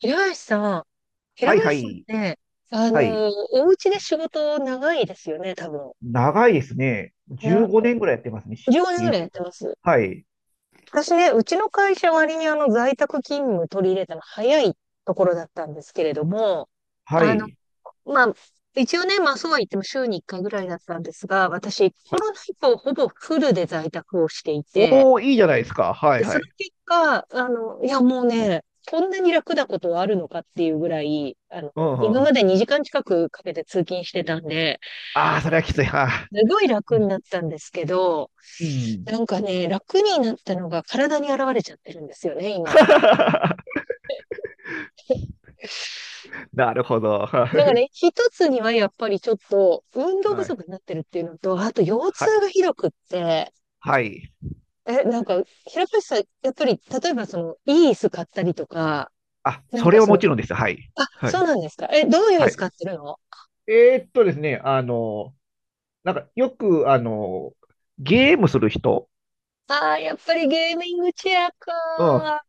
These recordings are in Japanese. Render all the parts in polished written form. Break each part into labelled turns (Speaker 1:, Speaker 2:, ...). Speaker 1: 平林さん、平
Speaker 2: はいは
Speaker 1: 林さんっ
Speaker 2: い。
Speaker 1: て、
Speaker 2: はい。
Speaker 1: お家で仕事長いですよね、多分。
Speaker 2: 長いですね。
Speaker 1: な、
Speaker 2: 15年ぐらいやってますね、し
Speaker 1: 10年ぐ
Speaker 2: 家
Speaker 1: らいや
Speaker 2: で。
Speaker 1: ってます。
Speaker 2: はい。
Speaker 1: 私ね、うちの会社割に在宅勤務取り入れたの早いところだったんですけれども、
Speaker 2: は
Speaker 1: あの、
Speaker 2: い。
Speaker 1: まあ、一応ね、まあそうは言っても週に1回ぐらいだったんですが、私、
Speaker 2: は
Speaker 1: コ
Speaker 2: い。
Speaker 1: ロナ以降ほぼフルで在宅をしていて、
Speaker 2: おー、いいじゃないですか。はい
Speaker 1: で、そ
Speaker 2: は
Speaker 1: の
Speaker 2: い。
Speaker 1: 結果、いや、もうね、こんなに楽なことはあるのかっていうぐらい、
Speaker 2: うんう
Speaker 1: 今ま
Speaker 2: ん。
Speaker 1: で2時間近くかけて通勤してたんで、
Speaker 2: ああ、それはきつい。はあ、
Speaker 1: すごい楽になったんですけど、
Speaker 2: うん。
Speaker 1: なんかね、楽になったのが体に現れちゃってるんですよね、今。
Speaker 2: なるほど。は
Speaker 1: だから
Speaker 2: い
Speaker 1: ね、一つにはやっぱりちょっと運動不
Speaker 2: はい。
Speaker 1: 足になってるっていうのと、あと腰
Speaker 2: は、
Speaker 1: 痛がひどくって、
Speaker 2: はい。
Speaker 1: え、なんか、平林さん、やっぱり、例えばその、いい椅子買ったりとか、
Speaker 2: あ、
Speaker 1: なん
Speaker 2: そ
Speaker 1: か
Speaker 2: れは
Speaker 1: その、
Speaker 2: もちろんです。はい。
Speaker 1: あ、
Speaker 2: は
Speaker 1: そう
Speaker 2: い。
Speaker 1: なんですか。え、どういう椅
Speaker 2: は
Speaker 1: 子
Speaker 2: い。
Speaker 1: 買ってるの？
Speaker 2: ですね、あの、なんかよく、ゲームする人。
Speaker 1: ああ、やっぱりゲーミングチェア
Speaker 2: うん。
Speaker 1: か。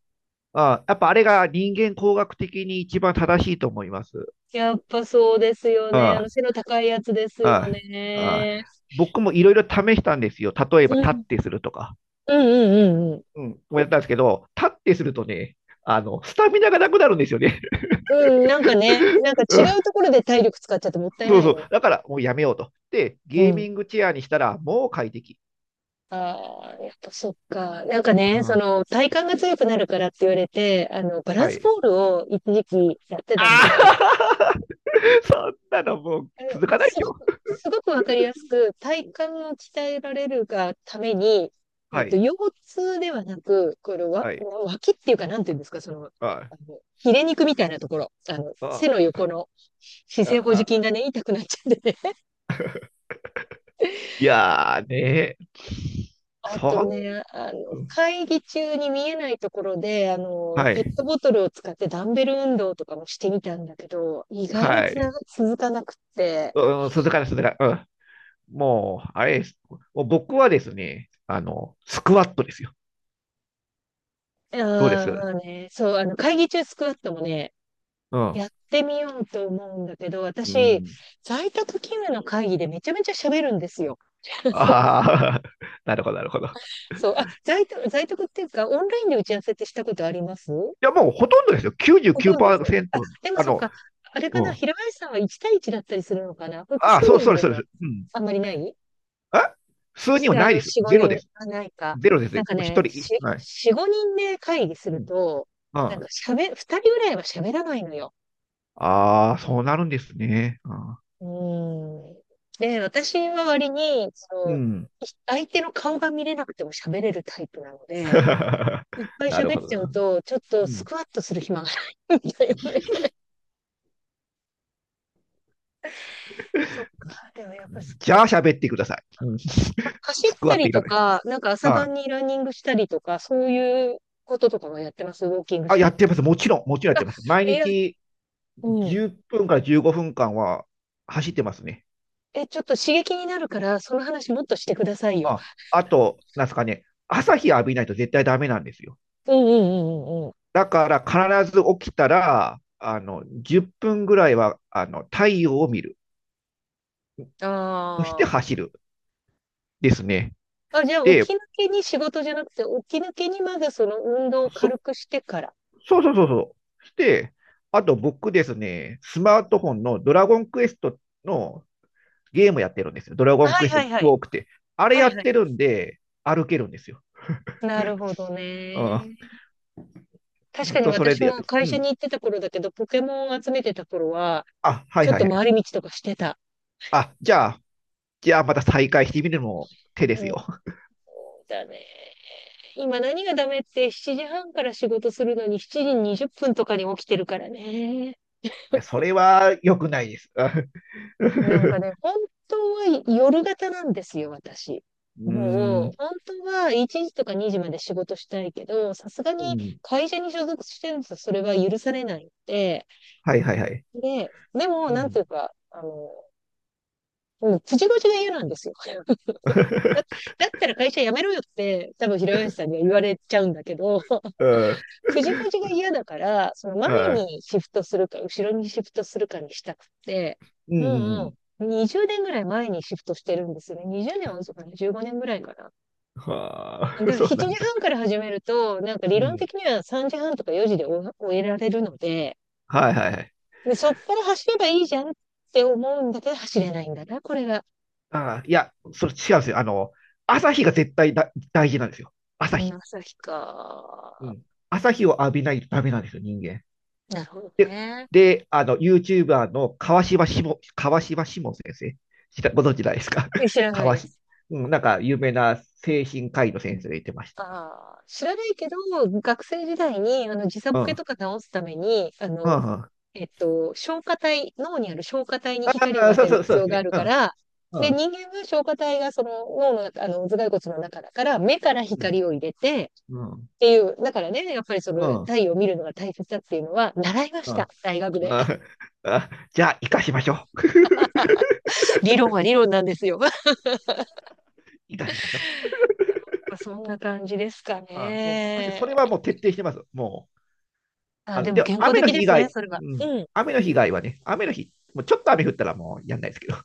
Speaker 2: あ、やっぱあれが人間工学的に一番正しいと思います。
Speaker 1: やっぱそうですよ
Speaker 2: う
Speaker 1: ね。
Speaker 2: ん。
Speaker 1: 背の高いやつですよ
Speaker 2: ああ、
Speaker 1: ね。
Speaker 2: 僕もいろいろ試したんですよ。例えば、
Speaker 1: う
Speaker 2: 立っ
Speaker 1: ん。
Speaker 2: てするとか。
Speaker 1: うんうんうんう
Speaker 2: うん。もやったんですけど、立ってするとね、スタミナがなくなるんですよね。
Speaker 1: ん。うん、なんかね、なんか 違
Speaker 2: うん、
Speaker 1: うところで体力使っちゃってもったい
Speaker 2: そう
Speaker 1: ない
Speaker 2: そう。
Speaker 1: よね。
Speaker 2: だから、もうやめようと。で、
Speaker 1: う
Speaker 2: ゲー
Speaker 1: ん。
Speaker 2: ミングチェアにしたら、もう快適。
Speaker 1: ああ、やっぱそっか。なんか
Speaker 2: う
Speaker 1: ね、そ
Speaker 2: ん、
Speaker 1: の、体幹が強くなるからって言われて、バラン
Speaker 2: は
Speaker 1: ス
Speaker 2: い。
Speaker 1: ボールを一時期やってたんで
Speaker 2: あ
Speaker 1: すけど、
Speaker 2: あ。 そんなのもう
Speaker 1: あの
Speaker 2: 続かないで
Speaker 1: す
Speaker 2: し
Speaker 1: ご
Speaker 2: ょ。
Speaker 1: く、すごくわかりやすく、体幹を鍛えられるがために、
Speaker 2: はい。
Speaker 1: 腰痛ではなく、このわ、
Speaker 2: はい。
Speaker 1: 脇っていうか、なんていうんですか、その、
Speaker 2: あ
Speaker 1: ヒレ肉みたいなところ、背の
Speaker 2: あ、
Speaker 1: 横の姿
Speaker 2: あ
Speaker 1: 勢保持筋
Speaker 2: あ、
Speaker 1: がね、痛くなっちゃってね。
Speaker 2: いやーね。
Speaker 1: あ
Speaker 2: そ
Speaker 1: と
Speaker 2: ん、
Speaker 1: ね、会議中に見えないところで、
Speaker 2: は
Speaker 1: ペッ
Speaker 2: い。
Speaker 1: トボトルを使ってダンベル運動とかもしてみたんだけど、意外に
Speaker 2: は
Speaker 1: つな
Speaker 2: い。
Speaker 1: が、続かなくって、
Speaker 2: うん、続かない、続かない。うん。もう、あれです。もう僕はですね、スクワットですよ。どうで
Speaker 1: ああ、
Speaker 2: す？
Speaker 1: まあね、そう、会議中スクワットもね、
Speaker 2: うん。
Speaker 1: やってみようと思うんだけど、
Speaker 2: う
Speaker 1: 私、
Speaker 2: ん。
Speaker 1: 在宅勤務の会議でめちゃめちゃ喋るんですよ。
Speaker 2: ああ、なるほど、なるほど。い
Speaker 1: そう、あ、在宅っていうか、オンラインで打ち合わせってしたことあります？
Speaker 2: や、もうほとんどですよ。
Speaker 1: ほとんどです。あ、
Speaker 2: 99%。
Speaker 1: でも
Speaker 2: あ
Speaker 1: そっ
Speaker 2: の、
Speaker 1: か、あれ
Speaker 2: う
Speaker 1: かな、
Speaker 2: ん。
Speaker 1: 平林さんは1対1だったりするのかな？複
Speaker 2: ああ、
Speaker 1: 数
Speaker 2: そう、
Speaker 1: 人
Speaker 2: そうです、
Speaker 1: で
Speaker 2: そうで
Speaker 1: は
Speaker 2: す。うん。
Speaker 1: あんまりない？
Speaker 2: あ、数人は
Speaker 1: 複あ
Speaker 2: な
Speaker 1: の、
Speaker 2: いです。
Speaker 1: 4、
Speaker 2: ゼロ
Speaker 1: 5人、
Speaker 2: です。
Speaker 1: はないか。
Speaker 2: ゼロです。も
Speaker 1: なんか
Speaker 2: う一
Speaker 1: ね、
Speaker 2: 人。はい。
Speaker 1: 4、5人で会議す
Speaker 2: う
Speaker 1: る
Speaker 2: ん。
Speaker 1: と、
Speaker 2: う
Speaker 1: なんか
Speaker 2: ん。
Speaker 1: 喋、2人ぐらいは喋らないのよ。
Speaker 2: ああー、そうなるんですね。あ
Speaker 1: うん。で、私は割に、そ
Speaker 2: ー、う
Speaker 1: の、
Speaker 2: ん。
Speaker 1: 相手の顔が見れなくても喋れるタイプなので、いっぱい
Speaker 2: なる
Speaker 1: 喋っ
Speaker 2: ほど
Speaker 1: ちゃう
Speaker 2: な。
Speaker 1: と、ちょっと
Speaker 2: う
Speaker 1: ス
Speaker 2: ん。
Speaker 1: クワットする暇がないんだよね。そっか、でもやっぱスク
Speaker 2: じゃ
Speaker 1: ワ
Speaker 2: あ、
Speaker 1: ット。
Speaker 2: 喋ってください。うん。ス、
Speaker 1: 走っ
Speaker 2: スク
Speaker 1: た
Speaker 2: ワット
Speaker 1: り
Speaker 2: いら
Speaker 1: と
Speaker 2: ない。
Speaker 1: か、なんか朝
Speaker 2: あ、
Speaker 1: 晩にランニングしたりとか、そういうこととかもやってます。ウォーキングし
Speaker 2: あ、
Speaker 1: た
Speaker 2: や
Speaker 1: り
Speaker 2: っ
Speaker 1: と
Speaker 2: てます。
Speaker 1: か。
Speaker 2: もちろんやってます。毎
Speaker 1: いや、
Speaker 2: 日
Speaker 1: うん。
Speaker 2: 10分から15分間は走ってますね。
Speaker 1: え、ちょっと刺激になるから、その話もっとしてくださいよ。
Speaker 2: あ、あと、なんですかね、朝日浴びないと絶対ダメなんですよ。
Speaker 1: うんうんうんうんう
Speaker 2: だから必ず起きたら、10分ぐらいは、太陽を見る。
Speaker 1: ん。
Speaker 2: そして
Speaker 1: ああ。
Speaker 2: 走る。ですね。
Speaker 1: あ、じゃあ、起
Speaker 2: で、
Speaker 1: き抜けに仕事じゃなくて、起き抜けにまずその運動を
Speaker 2: そ、
Speaker 1: 軽くしてから。
Speaker 2: そうそうそうそう。して、あと僕ですね、スマートフォンのドラゴンクエストのゲームやってるんですよ。ドラゴン
Speaker 1: はい
Speaker 2: クエス
Speaker 1: は
Speaker 2: ト
Speaker 1: いはい。
Speaker 2: 多くて。あれ
Speaker 1: は
Speaker 2: や
Speaker 1: い
Speaker 2: っ
Speaker 1: はい。
Speaker 2: てるんで、歩けるんですよ。
Speaker 1: なるほど
Speaker 2: うん、
Speaker 1: ね。確
Speaker 2: ずっ
Speaker 1: かに
Speaker 2: とそれ
Speaker 1: 私
Speaker 2: でやって
Speaker 1: も
Speaker 2: ます。
Speaker 1: 会
Speaker 2: う
Speaker 1: 社
Speaker 2: ん。
Speaker 1: に行ってた頃だけど、ポケモンを集めてた頃は、
Speaker 2: あ、はい
Speaker 1: ちょっ
Speaker 2: はい
Speaker 1: と
Speaker 2: はい。
Speaker 1: 回り道とかしてた。
Speaker 2: あ、じゃあ、じゃあまた再開してみるのも手で
Speaker 1: う
Speaker 2: す
Speaker 1: ん、そ
Speaker 2: よ。
Speaker 1: うだね。今何がダメって、7時半から仕事するのに7時20分とかに起きてるからね。
Speaker 2: それは良くないです。あ。
Speaker 1: なんか
Speaker 2: う
Speaker 1: ね、本当は夜型なんですよ、私。
Speaker 2: ー
Speaker 1: もう、
Speaker 2: ん。
Speaker 1: 本当は1時とか2時まで仕事したいけど、さすが
Speaker 2: う
Speaker 1: に
Speaker 2: ん。
Speaker 1: 会社に所属してるとそれは許されないっで、
Speaker 2: はいはいはい。
Speaker 1: でも、
Speaker 2: う
Speaker 1: なんて
Speaker 2: ん。
Speaker 1: いうか、もう、口々が嫌なんですよ。だ、だったら会社辞めろよって、多分平林さんには言われちゃうんだけど、
Speaker 2: うん。
Speaker 1: 藤子が嫌だから、その前
Speaker 2: はい、
Speaker 1: にシフトするか、後ろにシフトするかにしたくて、
Speaker 2: うん。うんう
Speaker 1: も
Speaker 2: ん。
Speaker 1: う20年ぐらい前にシフトしてるんですね。20年は遅かない、15年ぐらいかな。
Speaker 2: は
Speaker 1: だ
Speaker 2: あ、
Speaker 1: から
Speaker 2: そう
Speaker 1: 7
Speaker 2: な
Speaker 1: 時
Speaker 2: んだ。
Speaker 1: 半から始めると、なんか理
Speaker 2: う
Speaker 1: 論
Speaker 2: ん。
Speaker 1: 的には3時半とか4時で終えられるので、
Speaker 2: はいはいはい。
Speaker 1: で、そっから走ればいいじゃんって思うんだけど、走れないんだな、これが。
Speaker 2: ああ、いや、それ違うんですよ。朝日が絶対だ大事なんですよ。朝
Speaker 1: うん、
Speaker 2: 日。
Speaker 1: 朝日
Speaker 2: う
Speaker 1: か。
Speaker 2: ん。朝日を浴びないとダメなんですよ、人間。
Speaker 1: なるほど
Speaker 2: で、
Speaker 1: ね。
Speaker 2: で、YouTuber の川島しも先生、ご存知ないですか？
Speaker 1: え、知 らない
Speaker 2: 川
Speaker 1: で
Speaker 2: し、
Speaker 1: す。
Speaker 2: うん、なんか有名な精神科医の先生が言ってました。
Speaker 1: ああ、知らないけど、学生時代に、時差ボ
Speaker 2: うん。う
Speaker 1: ケと
Speaker 2: ん、
Speaker 1: か直すために、
Speaker 2: うん。
Speaker 1: 消化体、脳にある消化体に光を
Speaker 2: あ、
Speaker 1: 当てる
Speaker 2: そ
Speaker 1: 必
Speaker 2: うで
Speaker 1: 要
Speaker 2: す
Speaker 1: があ
Speaker 2: ね。
Speaker 1: る
Speaker 2: う
Speaker 1: から、
Speaker 2: ん、
Speaker 1: で、
Speaker 2: うん、
Speaker 1: 人間は消化体がその脳の、頭蓋骨の中だから、目から
Speaker 2: うん、
Speaker 1: 光を入れて、
Speaker 2: うん、
Speaker 1: っていう、だからね、やっぱりその
Speaker 2: うん、
Speaker 1: 太陽を見るのが大切だっていうのは、習いまし
Speaker 2: うん。
Speaker 1: た。大学で。
Speaker 2: ああ、じゃあ、生かしましょう。
Speaker 1: 理論は理論なんですよ。
Speaker 2: 生かしましょう。
Speaker 1: そんな感じですか
Speaker 2: あ、もう、私、それ
Speaker 1: ね。
Speaker 2: はもう徹底してます。もう、
Speaker 1: あ、でも
Speaker 2: でも、
Speaker 1: 健康
Speaker 2: 雨の
Speaker 1: 的で
Speaker 2: 日以
Speaker 1: すね、
Speaker 2: 外、
Speaker 1: それは。
Speaker 2: うん、
Speaker 1: うん。
Speaker 2: 雨の日以外はね、雨の日、もうちょっと雨降ったらもうやんないですけど。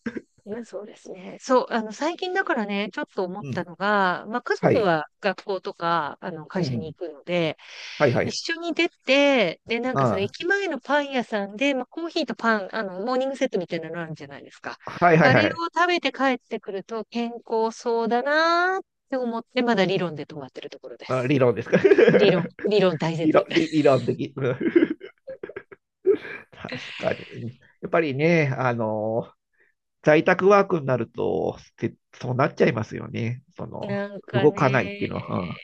Speaker 1: いや、そうですね。そう、最近だからね、ちょっと思っ
Speaker 2: う
Speaker 1: た
Speaker 2: ん。
Speaker 1: のが、まあ、家
Speaker 2: は
Speaker 1: 族
Speaker 2: い。
Speaker 1: は学校とか、
Speaker 2: う
Speaker 1: 会社に
Speaker 2: ん。
Speaker 1: 行くので、
Speaker 2: はいはい。
Speaker 1: 一緒に出て、で、なんかその
Speaker 2: あ
Speaker 1: 駅前のパン屋さんで、まあ、コーヒーとパン、モーニングセットみたいなのあるじゃないですか。
Speaker 2: あ、はいはい
Speaker 1: あれを
Speaker 2: はい。
Speaker 1: 食べて帰ってくると健康そうだなーって思って、まだ理論で止まってるところで
Speaker 2: あ、
Speaker 1: す。
Speaker 2: 理論ですか。
Speaker 1: 理論、理論大 切。
Speaker 2: 理論的。うん。 確かに。うん、やっぱりね、在宅ワークになると、せそうなっちゃいますよね。その、
Speaker 1: なんか
Speaker 2: 動かないっていう
Speaker 1: ね、
Speaker 2: のは。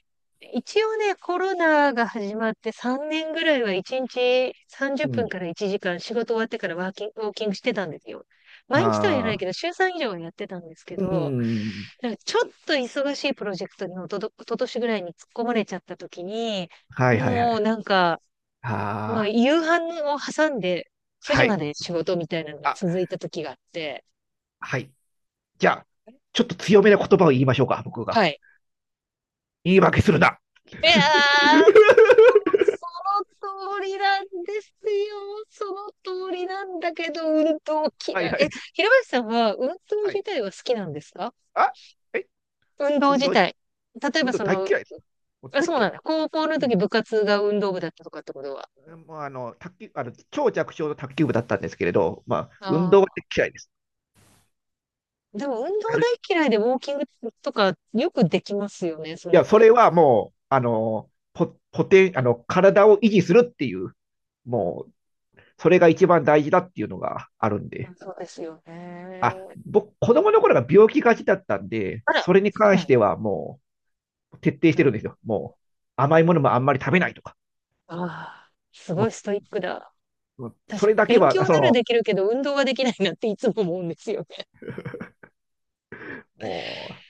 Speaker 1: 一応ね、コロナが始まって3年ぐらいは1日30
Speaker 2: うん。う
Speaker 1: 分
Speaker 2: ん、
Speaker 1: から1時間仕事終わってからワーキング、ウォーキングしてたんですよ。毎日とは言わないけ
Speaker 2: ああ、
Speaker 1: ど、週3以上はやってたんですけ
Speaker 2: う
Speaker 1: ど、
Speaker 2: ん。
Speaker 1: なんかちょっと忙しいプロジェクトにおととしぐらいに突っ込まれちゃった時に、
Speaker 2: はいはいは
Speaker 1: もう
Speaker 2: い。
Speaker 1: なんか、まあ、
Speaker 2: あ
Speaker 1: 夕飯を挟んで
Speaker 2: あ、
Speaker 1: 9
Speaker 2: は
Speaker 1: 時ま
Speaker 2: い。
Speaker 1: で仕事みたいなのが
Speaker 2: あ、
Speaker 1: 続いた時があって、
Speaker 2: はい。じゃあ、ちょっと強めな言葉を言いましょうか、僕が。
Speaker 1: はい。
Speaker 2: 言い訳するな。
Speaker 1: いや、その通りなんですよ。その通りなんだけど、運動
Speaker 2: は
Speaker 1: 嫌
Speaker 2: いは
Speaker 1: い。え、
Speaker 2: い。
Speaker 1: 平林さんは運動
Speaker 2: は
Speaker 1: 自
Speaker 2: い。
Speaker 1: 体は好きなんですか？
Speaker 2: あ、え、
Speaker 1: 運動
Speaker 2: 運
Speaker 1: 自
Speaker 2: 動、
Speaker 1: 体。例え
Speaker 2: 運
Speaker 1: ば
Speaker 2: 動
Speaker 1: そ
Speaker 2: 大
Speaker 1: の、
Speaker 2: 嫌いです。もう
Speaker 1: あ、
Speaker 2: 大
Speaker 1: そう
Speaker 2: 嫌
Speaker 1: な
Speaker 2: い。
Speaker 1: んだ。高校の
Speaker 2: うん。
Speaker 1: 時部活が運動部だったとかってことは。
Speaker 2: もう、卓球、超弱小の卓球部だったんですけれど、まあ、運動は
Speaker 1: あ
Speaker 2: 大嫌いです。
Speaker 1: あ。でも運
Speaker 2: あ
Speaker 1: 動
Speaker 2: る、
Speaker 1: 大嫌いでウォーキングとかよくできますよね。そ
Speaker 2: い
Speaker 1: の、
Speaker 2: や、それはもう、あの、ポ、ポテン、あの、体を維持するっていう、もう、それが一番大事だっていうのがあるんで。
Speaker 1: そうですよね。
Speaker 2: あ、僕、子供の頃が病気がちだったんで、
Speaker 1: あら、
Speaker 2: それに
Speaker 1: そう
Speaker 2: 関
Speaker 1: なん
Speaker 2: してはもう、徹底して
Speaker 1: だ。
Speaker 2: るんですよ。もう、甘いものもあんまり食べないとか。
Speaker 1: ああ、すご
Speaker 2: も
Speaker 1: いストイックだ。
Speaker 2: う、もうそ
Speaker 1: 私、
Speaker 2: れだけ
Speaker 1: 勉
Speaker 2: は、
Speaker 1: 強
Speaker 2: そ
Speaker 1: なら
Speaker 2: の、
Speaker 1: できるけど運動はできないなっていつも思うんですよ。
Speaker 2: も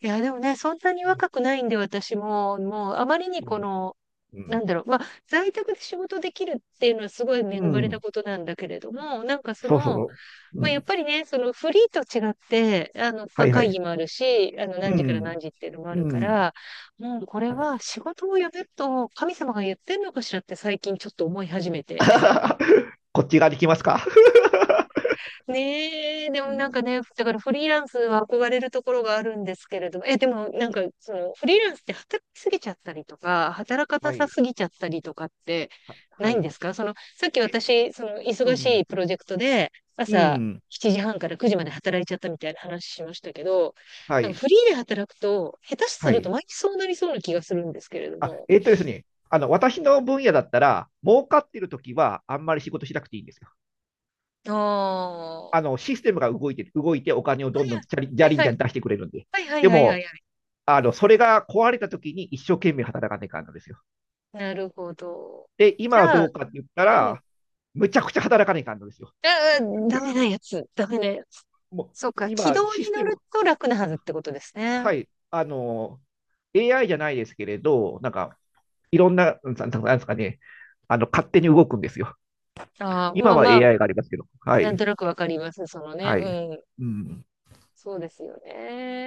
Speaker 1: いや、でもね、そんなに若くないんで、私も、もう、あまりに
Speaker 2: う、う
Speaker 1: こ
Speaker 2: ん、
Speaker 1: の、
Speaker 2: う
Speaker 1: な
Speaker 2: ん、
Speaker 1: んだろう、まあ、在宅で仕事できるっていうのはすごい恵
Speaker 2: う
Speaker 1: まれた
Speaker 2: ん、
Speaker 1: ことなんだけれども、なんかそ
Speaker 2: そう
Speaker 1: の、
Speaker 2: そう。う
Speaker 1: まあ、やっ
Speaker 2: ん。
Speaker 1: ぱりね、そのフリーと違って、ま
Speaker 2: は
Speaker 1: あ、
Speaker 2: いは
Speaker 1: 会議
Speaker 2: い。
Speaker 1: もあるし、
Speaker 2: う
Speaker 1: 何時から何
Speaker 2: ん。
Speaker 1: 時っていうのもあ
Speaker 2: う
Speaker 1: るか
Speaker 2: ん。
Speaker 1: ら、もうこれは仕事を辞めると神様が言ってんのかしらって最近ちょっと思い始めて。
Speaker 2: こっち側できますか？
Speaker 1: ねえ、で
Speaker 2: う
Speaker 1: もなんか
Speaker 2: ん。
Speaker 1: ね、だからフリーランスは憧れるところがあるんですけれども、え、でもなんかそのフリーランスって働きすぎちゃったりとか、働か な
Speaker 2: は
Speaker 1: さ
Speaker 2: い。
Speaker 1: すぎちゃったりとかって
Speaker 2: は、
Speaker 1: な
Speaker 2: は
Speaker 1: いん
Speaker 2: い。
Speaker 1: ですか？その、さっき
Speaker 2: え、
Speaker 1: 私、その
Speaker 2: う
Speaker 1: 忙し
Speaker 2: ん。
Speaker 1: いプロジェクトで
Speaker 2: う
Speaker 1: 朝
Speaker 2: ん。
Speaker 1: 7時半から9時まで働いちゃったみたいな話しましたけど、
Speaker 2: は
Speaker 1: なんか
Speaker 2: い。
Speaker 1: フリーで働くと、下手す
Speaker 2: は
Speaker 1: ると
Speaker 2: い。
Speaker 1: 毎日そうなりそうな気がするんですけれど
Speaker 2: あ、
Speaker 1: も。
Speaker 2: えっとですね。私の分野だったら、儲かってるときは、あんまり仕事しなくていいんですよ。
Speaker 1: ああ、は
Speaker 2: システムが動いてお金をどんどんじゃりじ
Speaker 1: い
Speaker 2: ゃりん
Speaker 1: は
Speaker 2: じ
Speaker 1: い
Speaker 2: ゃん出してくれるんで。
Speaker 1: はいは
Speaker 2: で
Speaker 1: いはいはいは
Speaker 2: も、
Speaker 1: いはい。
Speaker 2: それが壊れたときに一生懸命働かないかんのですよ。
Speaker 1: なるほど。
Speaker 2: で、
Speaker 1: じ
Speaker 2: 今は
Speaker 1: ゃ
Speaker 2: ど
Speaker 1: あ、
Speaker 2: うかって言った
Speaker 1: うん。
Speaker 2: ら、むちゃくちゃ働かないかんのですよ。
Speaker 1: ああ、ダメなやつ。ダメなやつ。
Speaker 2: もう
Speaker 1: そうか。軌
Speaker 2: 今、
Speaker 1: 道
Speaker 2: シ
Speaker 1: に
Speaker 2: ス
Speaker 1: 乗
Speaker 2: テム、
Speaker 1: ると楽なはずってことですね。
Speaker 2: はい、あの、AI じゃないですけれど、なんか、いろんな、うん、なんなんですかね、勝手に動くんですよ。
Speaker 1: ああ、ま
Speaker 2: 今
Speaker 1: あ
Speaker 2: は
Speaker 1: まあ、
Speaker 2: AI がありますけど、は
Speaker 1: なん
Speaker 2: い、
Speaker 1: となくわかります。そのね。
Speaker 2: はい。
Speaker 1: うん。
Speaker 2: うん。
Speaker 1: そうですよ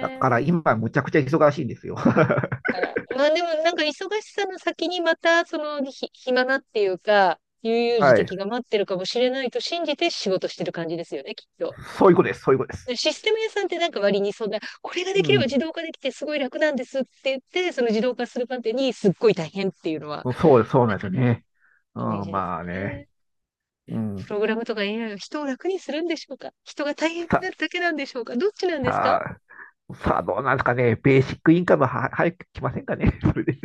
Speaker 2: だから今、むちゃくちゃ忙しいんですよ。は
Speaker 1: だからまあでもなんか忙しさの先にまた、その、暇なっていうか、悠々自
Speaker 2: い。
Speaker 1: 適が待ってるかもしれないと信じて仕事してる感じですよね、きっと。
Speaker 2: そういうことです。
Speaker 1: でシステム屋さんってなんか割にそんな、これがで
Speaker 2: う
Speaker 1: きれば
Speaker 2: ん。
Speaker 1: 自動化できてすごい楽なんですって言って、その自動化するまでにすっごい大変っていうのは、
Speaker 2: そうです、そう
Speaker 1: な
Speaker 2: な
Speaker 1: ん
Speaker 2: んです
Speaker 1: か
Speaker 2: よ
Speaker 1: ね、
Speaker 2: ね。う
Speaker 1: イメー
Speaker 2: ん、
Speaker 1: ジです
Speaker 2: まあね。
Speaker 1: ね。
Speaker 2: う
Speaker 1: プ
Speaker 2: ん。
Speaker 1: ログラムとか AI は人を楽にするんでしょうか？人が大変に
Speaker 2: さ、
Speaker 1: なるだけなんでしょうか？どっちなんですか？
Speaker 2: ささあ、どうなんですかね。ベーシックインカムは早く来ませんかね。それで。